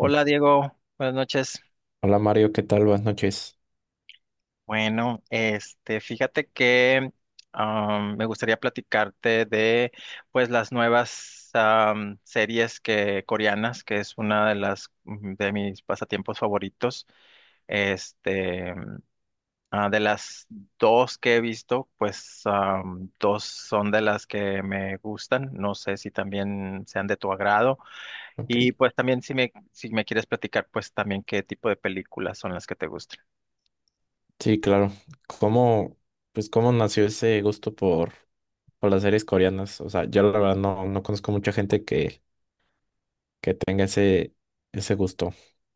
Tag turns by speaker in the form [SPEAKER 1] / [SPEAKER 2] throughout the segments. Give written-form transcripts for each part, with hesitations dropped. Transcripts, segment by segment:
[SPEAKER 1] Mm.
[SPEAKER 2] Diego, buenas noches.
[SPEAKER 1] Hola Mario, ¿qué tal? Buenas noches.
[SPEAKER 2] Bueno, fíjate que me gustaría platicarte de pues las nuevas series que coreanas, que es una de las de mis pasatiempos favoritos. Este, de las dos que he visto, pues dos son de las que me gustan. No sé si también sean de tu agrado.
[SPEAKER 1] Ok,
[SPEAKER 2] Y pues también si me quieres platicar, pues también qué tipo de películas son las que te gustan.
[SPEAKER 1] sí, claro. ¿Cómo, pues cómo nació ese gusto por las series coreanas? O sea, yo la verdad no conozco mucha gente que tenga ese gusto.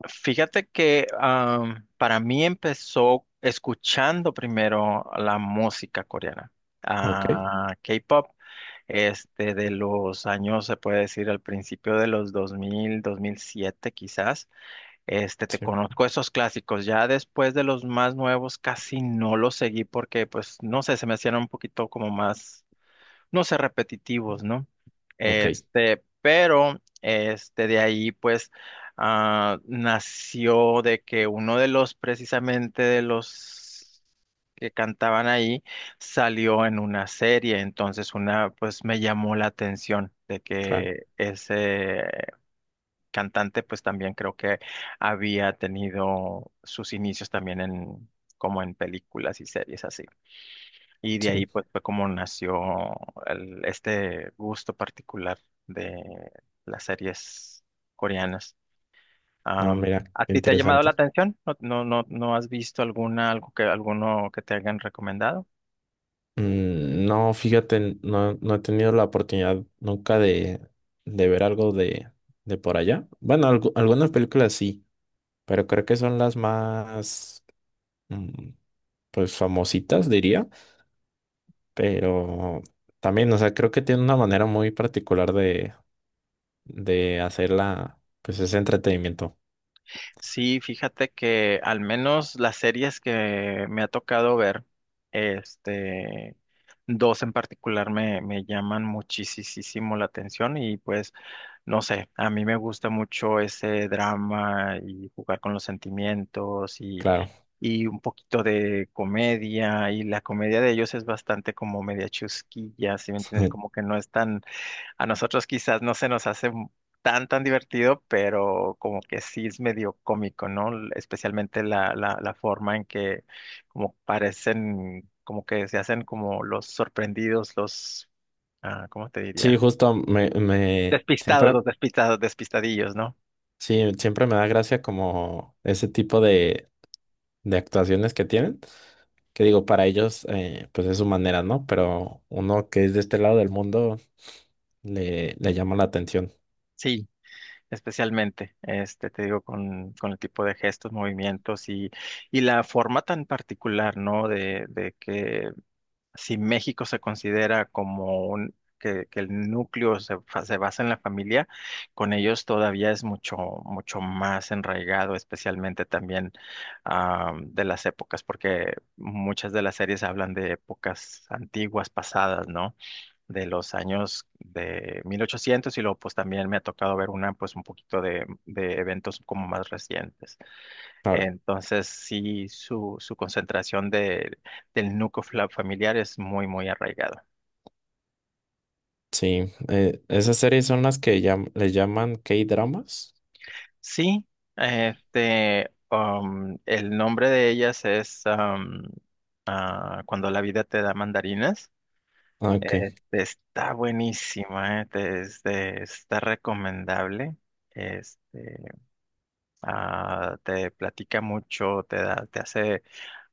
[SPEAKER 2] Fíjate que para mí empezó escuchando primero la música coreana.
[SPEAKER 1] Ok,
[SPEAKER 2] Ah, K-pop. De los años, se puede decir, al principio de los 2000, 2007 quizás. Te
[SPEAKER 1] sí.
[SPEAKER 2] conozco esos clásicos, ya después de los más nuevos casi no los seguí porque pues no sé, se me hacían un poquito como más no ser repetitivos, ¿no?
[SPEAKER 1] Ok,
[SPEAKER 2] Pero de ahí pues nació de que uno de los precisamente de los que cantaban ahí salió en una serie, entonces una pues me llamó la atención de
[SPEAKER 1] claro,
[SPEAKER 2] que ese cantante pues también creo que había tenido sus inicios también en como en películas y series así. Y de
[SPEAKER 1] sí.
[SPEAKER 2] ahí pues fue como nació este gusto particular de las series coreanas.
[SPEAKER 1] Ah,
[SPEAKER 2] Am,
[SPEAKER 1] mira,
[SPEAKER 2] ¿A
[SPEAKER 1] qué
[SPEAKER 2] ti te ha llamado la
[SPEAKER 1] interesante.
[SPEAKER 2] atención? ¿No, no, no, no has visto alguna, algo que, alguno que te hayan recomendado?
[SPEAKER 1] Mm, no, fíjate, no he tenido la oportunidad nunca de ver algo de por allá. Bueno, algunas películas sí, pero creo que son las más, mm, pues famositas, diría, pero también, o sea, creo que tiene una manera muy particular de hacerla, pues ese entretenimiento,
[SPEAKER 2] Sí, fíjate que al menos las series que me ha tocado ver, este, dos en particular me llaman muchísimo la atención y pues no sé, a mí me gusta mucho ese drama y jugar con los sentimientos
[SPEAKER 1] claro.
[SPEAKER 2] y un poquito de comedia y la comedia de ellos es bastante como media chusquilla, ¿si me entiendes? Como que no es tan, a nosotros quizás no se nos hace tan divertido, pero como que sí es medio cómico, ¿no? Especialmente la forma en que como parecen, como que se hacen como los sorprendidos, los, ¿cómo te
[SPEAKER 1] Sí,
[SPEAKER 2] diría?
[SPEAKER 1] justo me
[SPEAKER 2] Despistados,
[SPEAKER 1] siempre,
[SPEAKER 2] los despistados, despistadillos, ¿no?
[SPEAKER 1] sí, siempre me da gracia como ese tipo de actuaciones que tienen, que digo, para ellos, pues es su manera, ¿no? Pero uno que es de este lado del mundo le llama la atención.
[SPEAKER 2] Sí, especialmente, te digo, con el tipo de gestos, movimientos y la forma tan particular, ¿no? De que si México se considera como un, que el núcleo se basa en la familia, con ellos todavía es mucho, mucho más enraigado, especialmente también de las épocas, porque muchas de las series hablan de épocas antiguas, pasadas, ¿no? De los años de 1800 y luego pues también me ha tocado ver una pues un poquito de eventos como más recientes.
[SPEAKER 1] Claro.
[SPEAKER 2] Entonces sí, su concentración de, del núcleo familiar es muy, muy arraigado.
[SPEAKER 1] Sí, esas series son las que le llaman K-dramas.
[SPEAKER 2] Sí, el nombre de ellas es Cuando la vida te da mandarinas.
[SPEAKER 1] Ah, ok,
[SPEAKER 2] Está buenísima, está recomendable. Este, te platica mucho, te da, te hace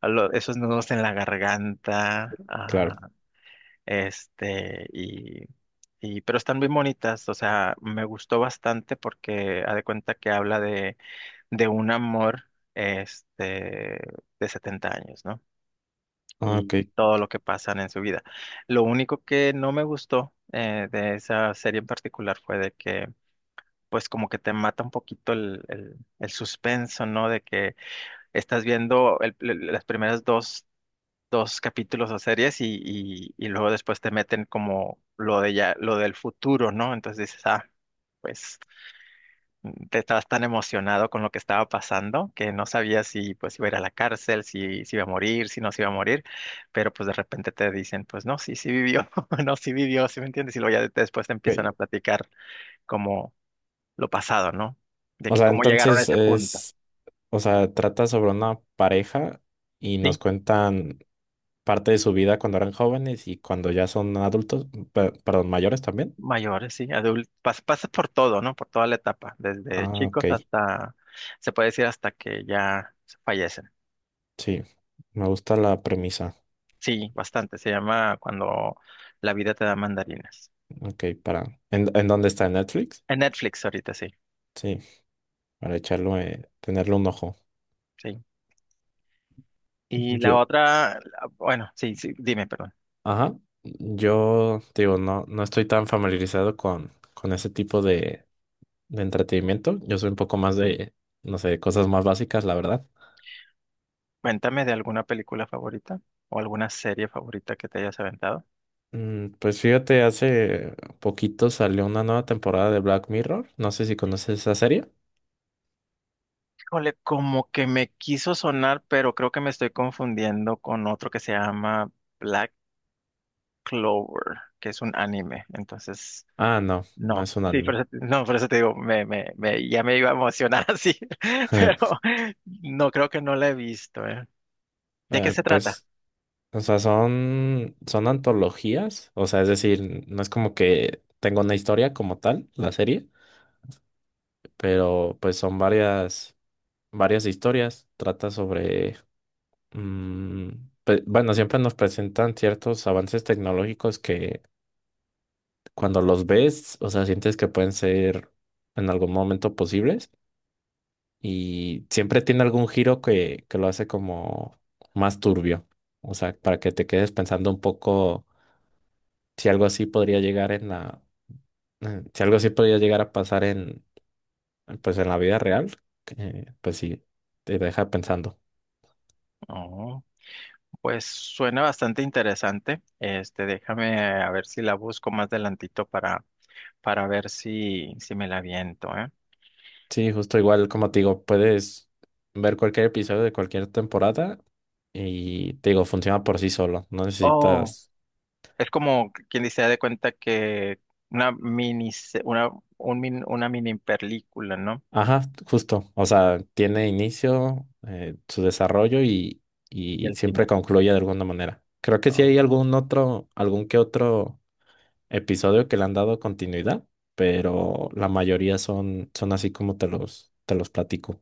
[SPEAKER 2] esos nudos en la garganta,
[SPEAKER 1] claro.
[SPEAKER 2] este, y, y, pero están muy bonitas, o sea, me gustó bastante porque ha de cuenta que habla de un amor, este, de 70 años, ¿no?
[SPEAKER 1] Ah, ok,
[SPEAKER 2] Y todo lo que pasan en su vida. Lo único que no me gustó, de esa serie en particular fue de que, pues como que te mata un poquito el suspenso, ¿no? De que estás viendo las primeras dos capítulos o series y luego después te meten como lo de ya, lo del futuro, ¿no? Entonces dices, pues te estabas tan emocionado con lo que estaba pasando que no sabías si pues iba a ir a la cárcel, si iba a morir, si no se iba a morir, pero pues de repente te dicen, pues no, sí, sí vivió, no, sí vivió, ¿sí me entiendes? Y luego ya después te empiezan
[SPEAKER 1] ok.
[SPEAKER 2] a platicar como lo pasado, ¿no? De
[SPEAKER 1] O
[SPEAKER 2] que
[SPEAKER 1] sea,
[SPEAKER 2] cómo llegaron a
[SPEAKER 1] entonces
[SPEAKER 2] ese punto.
[SPEAKER 1] es, o sea, trata sobre una pareja y nos
[SPEAKER 2] ¿Sí?
[SPEAKER 1] cuentan parte de su vida cuando eran jóvenes y cuando ya son adultos, perdón, mayores también.
[SPEAKER 2] Mayores, sí, adultos, pasas por todo, ¿no? Por toda la etapa, desde
[SPEAKER 1] Ah,
[SPEAKER 2] chicos
[SPEAKER 1] ok,
[SPEAKER 2] hasta, se puede decir hasta que ya se fallecen.
[SPEAKER 1] sí. Me gusta la premisa.
[SPEAKER 2] Sí, bastante, se llama Cuando la vida te da mandarinas.
[SPEAKER 1] Ok, para. ¿En dónde está? ¿En Netflix?
[SPEAKER 2] En Netflix ahorita, sí,
[SPEAKER 1] Sí, para echarlo, tenerle un ojo.
[SPEAKER 2] sí. Y la
[SPEAKER 1] Yo,
[SPEAKER 2] otra, bueno, sí, sí, dime, perdón.
[SPEAKER 1] ajá. Yo digo, no estoy tan familiarizado con ese tipo de entretenimiento. Yo soy un poco más de, no sé, cosas más básicas, la verdad.
[SPEAKER 2] Cuéntame de alguna película favorita o alguna serie favorita que te hayas aventado.
[SPEAKER 1] Pues fíjate, hace poquito salió una nueva temporada de Black Mirror. No sé si conoces esa serie.
[SPEAKER 2] Híjole, como que me quiso sonar, pero creo que me estoy confundiendo con otro que se llama Black Clover, que es un anime. Entonces,
[SPEAKER 1] Ah, no, no
[SPEAKER 2] no,
[SPEAKER 1] es un
[SPEAKER 2] sí, por
[SPEAKER 1] anime.
[SPEAKER 2] eso, no, por eso te digo, ya me iba a emocionar así, pero no, creo que no la he visto, ¿eh? ¿De qué se trata?
[SPEAKER 1] Pues, o sea, son antologías. O sea, es decir, no es como que tenga una historia como tal, la serie, pero pues son varias, varias historias. Trata sobre, mm, bueno, siempre nos presentan ciertos avances tecnológicos que cuando los ves, o sea, sientes que pueden ser en algún momento posibles y siempre tiene algún giro que lo hace como más turbio. O sea, para que te quedes pensando un poco si algo así podría llegar en la, si algo así podría llegar a pasar en, pues en la vida real, que, pues sí, te deja pensando.
[SPEAKER 2] Oh, pues suena bastante interesante. Déjame a ver si la busco más adelantito para ver si me la aviento, ¿eh?
[SPEAKER 1] Sí, justo igual, como te digo, puedes ver cualquier episodio de cualquier temporada y te digo, funciona por sí solo. No
[SPEAKER 2] Oh,
[SPEAKER 1] necesitas.
[SPEAKER 2] es como quien dice, "Haz de cuenta que una, una mini película, ¿no?"
[SPEAKER 1] Ajá, justo. O sea, tiene inicio, su desarrollo y,
[SPEAKER 2] Y
[SPEAKER 1] y
[SPEAKER 2] al
[SPEAKER 1] siempre
[SPEAKER 2] final.
[SPEAKER 1] concluye de alguna manera. Creo que sí hay algún otro, algún que otro episodio que le han dado continuidad, pero la mayoría son así como te los platico.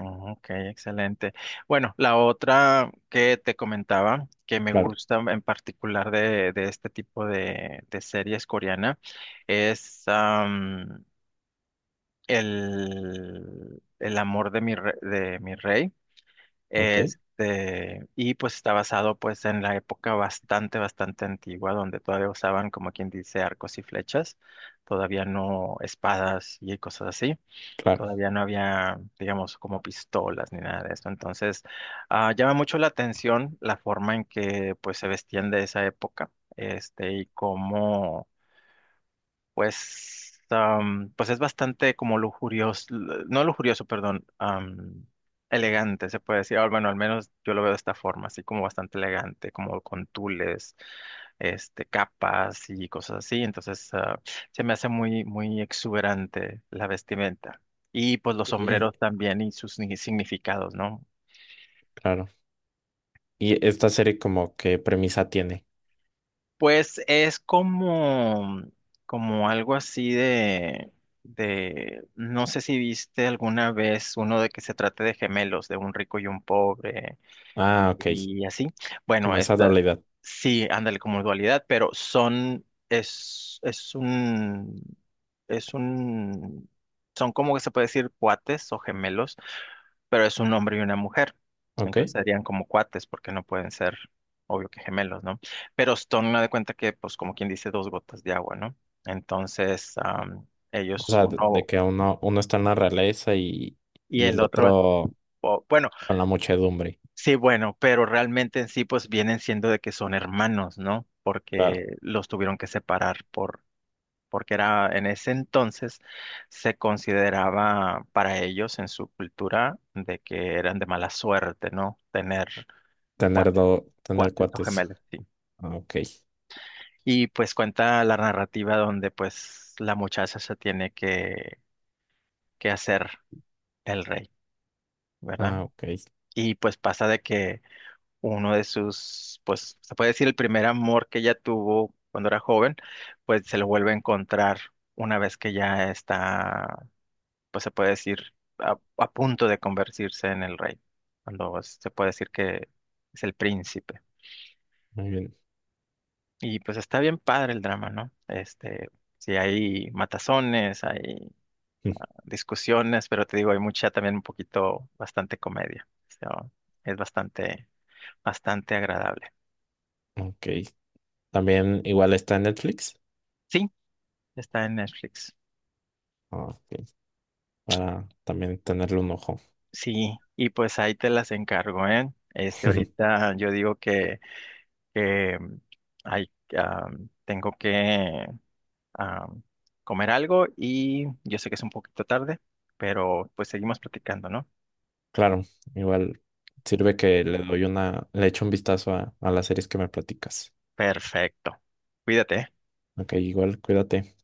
[SPEAKER 2] Oh, ok, excelente. Bueno, la otra que te comentaba que me
[SPEAKER 1] Claro,
[SPEAKER 2] gusta en particular de este tipo de series coreana es el amor de mi rey.
[SPEAKER 1] ok,
[SPEAKER 2] Y pues está basado pues en la época bastante, bastante antigua donde todavía usaban como quien dice arcos y flechas, todavía no espadas y cosas así.
[SPEAKER 1] claro.
[SPEAKER 2] Todavía no había, digamos, como pistolas ni nada de esto. Entonces, llama mucho la atención la forma en que pues se vestían de esa época, y cómo pues, pues es bastante como lujurioso, no lujurioso, perdón, elegante, se puede decir. Ah, bueno, al menos yo lo veo de esta forma, así como bastante elegante, como con tules, capas y cosas así. Entonces, se me hace muy, muy exuberante la vestimenta. Y pues los
[SPEAKER 1] Y,
[SPEAKER 2] sombreros también y sus significados, ¿no?
[SPEAKER 1] claro. ¿Y esta serie como qué premisa tiene?
[SPEAKER 2] Pues es como, algo así de, no sé si viste alguna vez uno de que se trate de gemelos, de un rico y un pobre.
[SPEAKER 1] Ah, ok,
[SPEAKER 2] Y así. Bueno,
[SPEAKER 1] como esa
[SPEAKER 2] esta,
[SPEAKER 1] dualidad,
[SPEAKER 2] sí, ándale como dualidad, pero son, es un, son como que se puede decir cuates o gemelos, pero es un hombre y una mujer.
[SPEAKER 1] ok.
[SPEAKER 2] Entonces serían como cuates porque no pueden ser, obvio que gemelos, ¿no? Pero son, me de cuenta que, pues como quien dice, dos gotas de agua, ¿no? Entonces,
[SPEAKER 1] O
[SPEAKER 2] ellos,
[SPEAKER 1] sea, de
[SPEAKER 2] uno
[SPEAKER 1] que uno está en la realeza y,
[SPEAKER 2] y
[SPEAKER 1] y el
[SPEAKER 2] el otro,
[SPEAKER 1] otro
[SPEAKER 2] bueno,
[SPEAKER 1] con la muchedumbre.
[SPEAKER 2] sí, bueno, pero realmente en sí pues vienen siendo de que son hermanos, ¿no?
[SPEAKER 1] Claro,
[SPEAKER 2] Porque los tuvieron que separar por, porque era en ese entonces se consideraba para ellos en su cultura de que eran de mala suerte, ¿no? Tener cuates,
[SPEAKER 1] tener
[SPEAKER 2] cuates o
[SPEAKER 1] cuates.
[SPEAKER 2] gemelos, sí.
[SPEAKER 1] Ah, ok.
[SPEAKER 2] Y pues cuenta la narrativa donde pues la muchacha se tiene que hacer el rey, ¿verdad?
[SPEAKER 1] Ah, ok.
[SPEAKER 2] Y pues pasa de que uno de sus, pues se puede decir el primer amor que ella tuvo cuando era joven, pues se lo vuelve a encontrar una vez que ya está, pues se puede decir, a punto de convertirse en el rey, cuando se puede decir que es el príncipe.
[SPEAKER 1] Muy bien.
[SPEAKER 2] Y pues está bien padre el drama, ¿no? Sí hay matazones, hay discusiones, pero te digo, hay mucha también un poquito, bastante comedia. O sea, es bastante, bastante agradable.
[SPEAKER 1] Mm, ok. También igual está en Netflix.
[SPEAKER 2] Sí, está en Netflix.
[SPEAKER 1] Ah, ok. Para también tenerle un ojo.
[SPEAKER 2] Sí, y pues ahí te las encargo, ¿eh? Ahorita yo digo que, que mm, ay, ah, tengo que ah, comer algo y yo sé que es un poquito tarde, pero pues seguimos platicando, ¿no?
[SPEAKER 1] Claro, igual sirve que le doy una, le echo un vistazo a las series que me platicas.
[SPEAKER 2] Perfecto. Cuídate, ¿eh?
[SPEAKER 1] Ok, igual cuídate.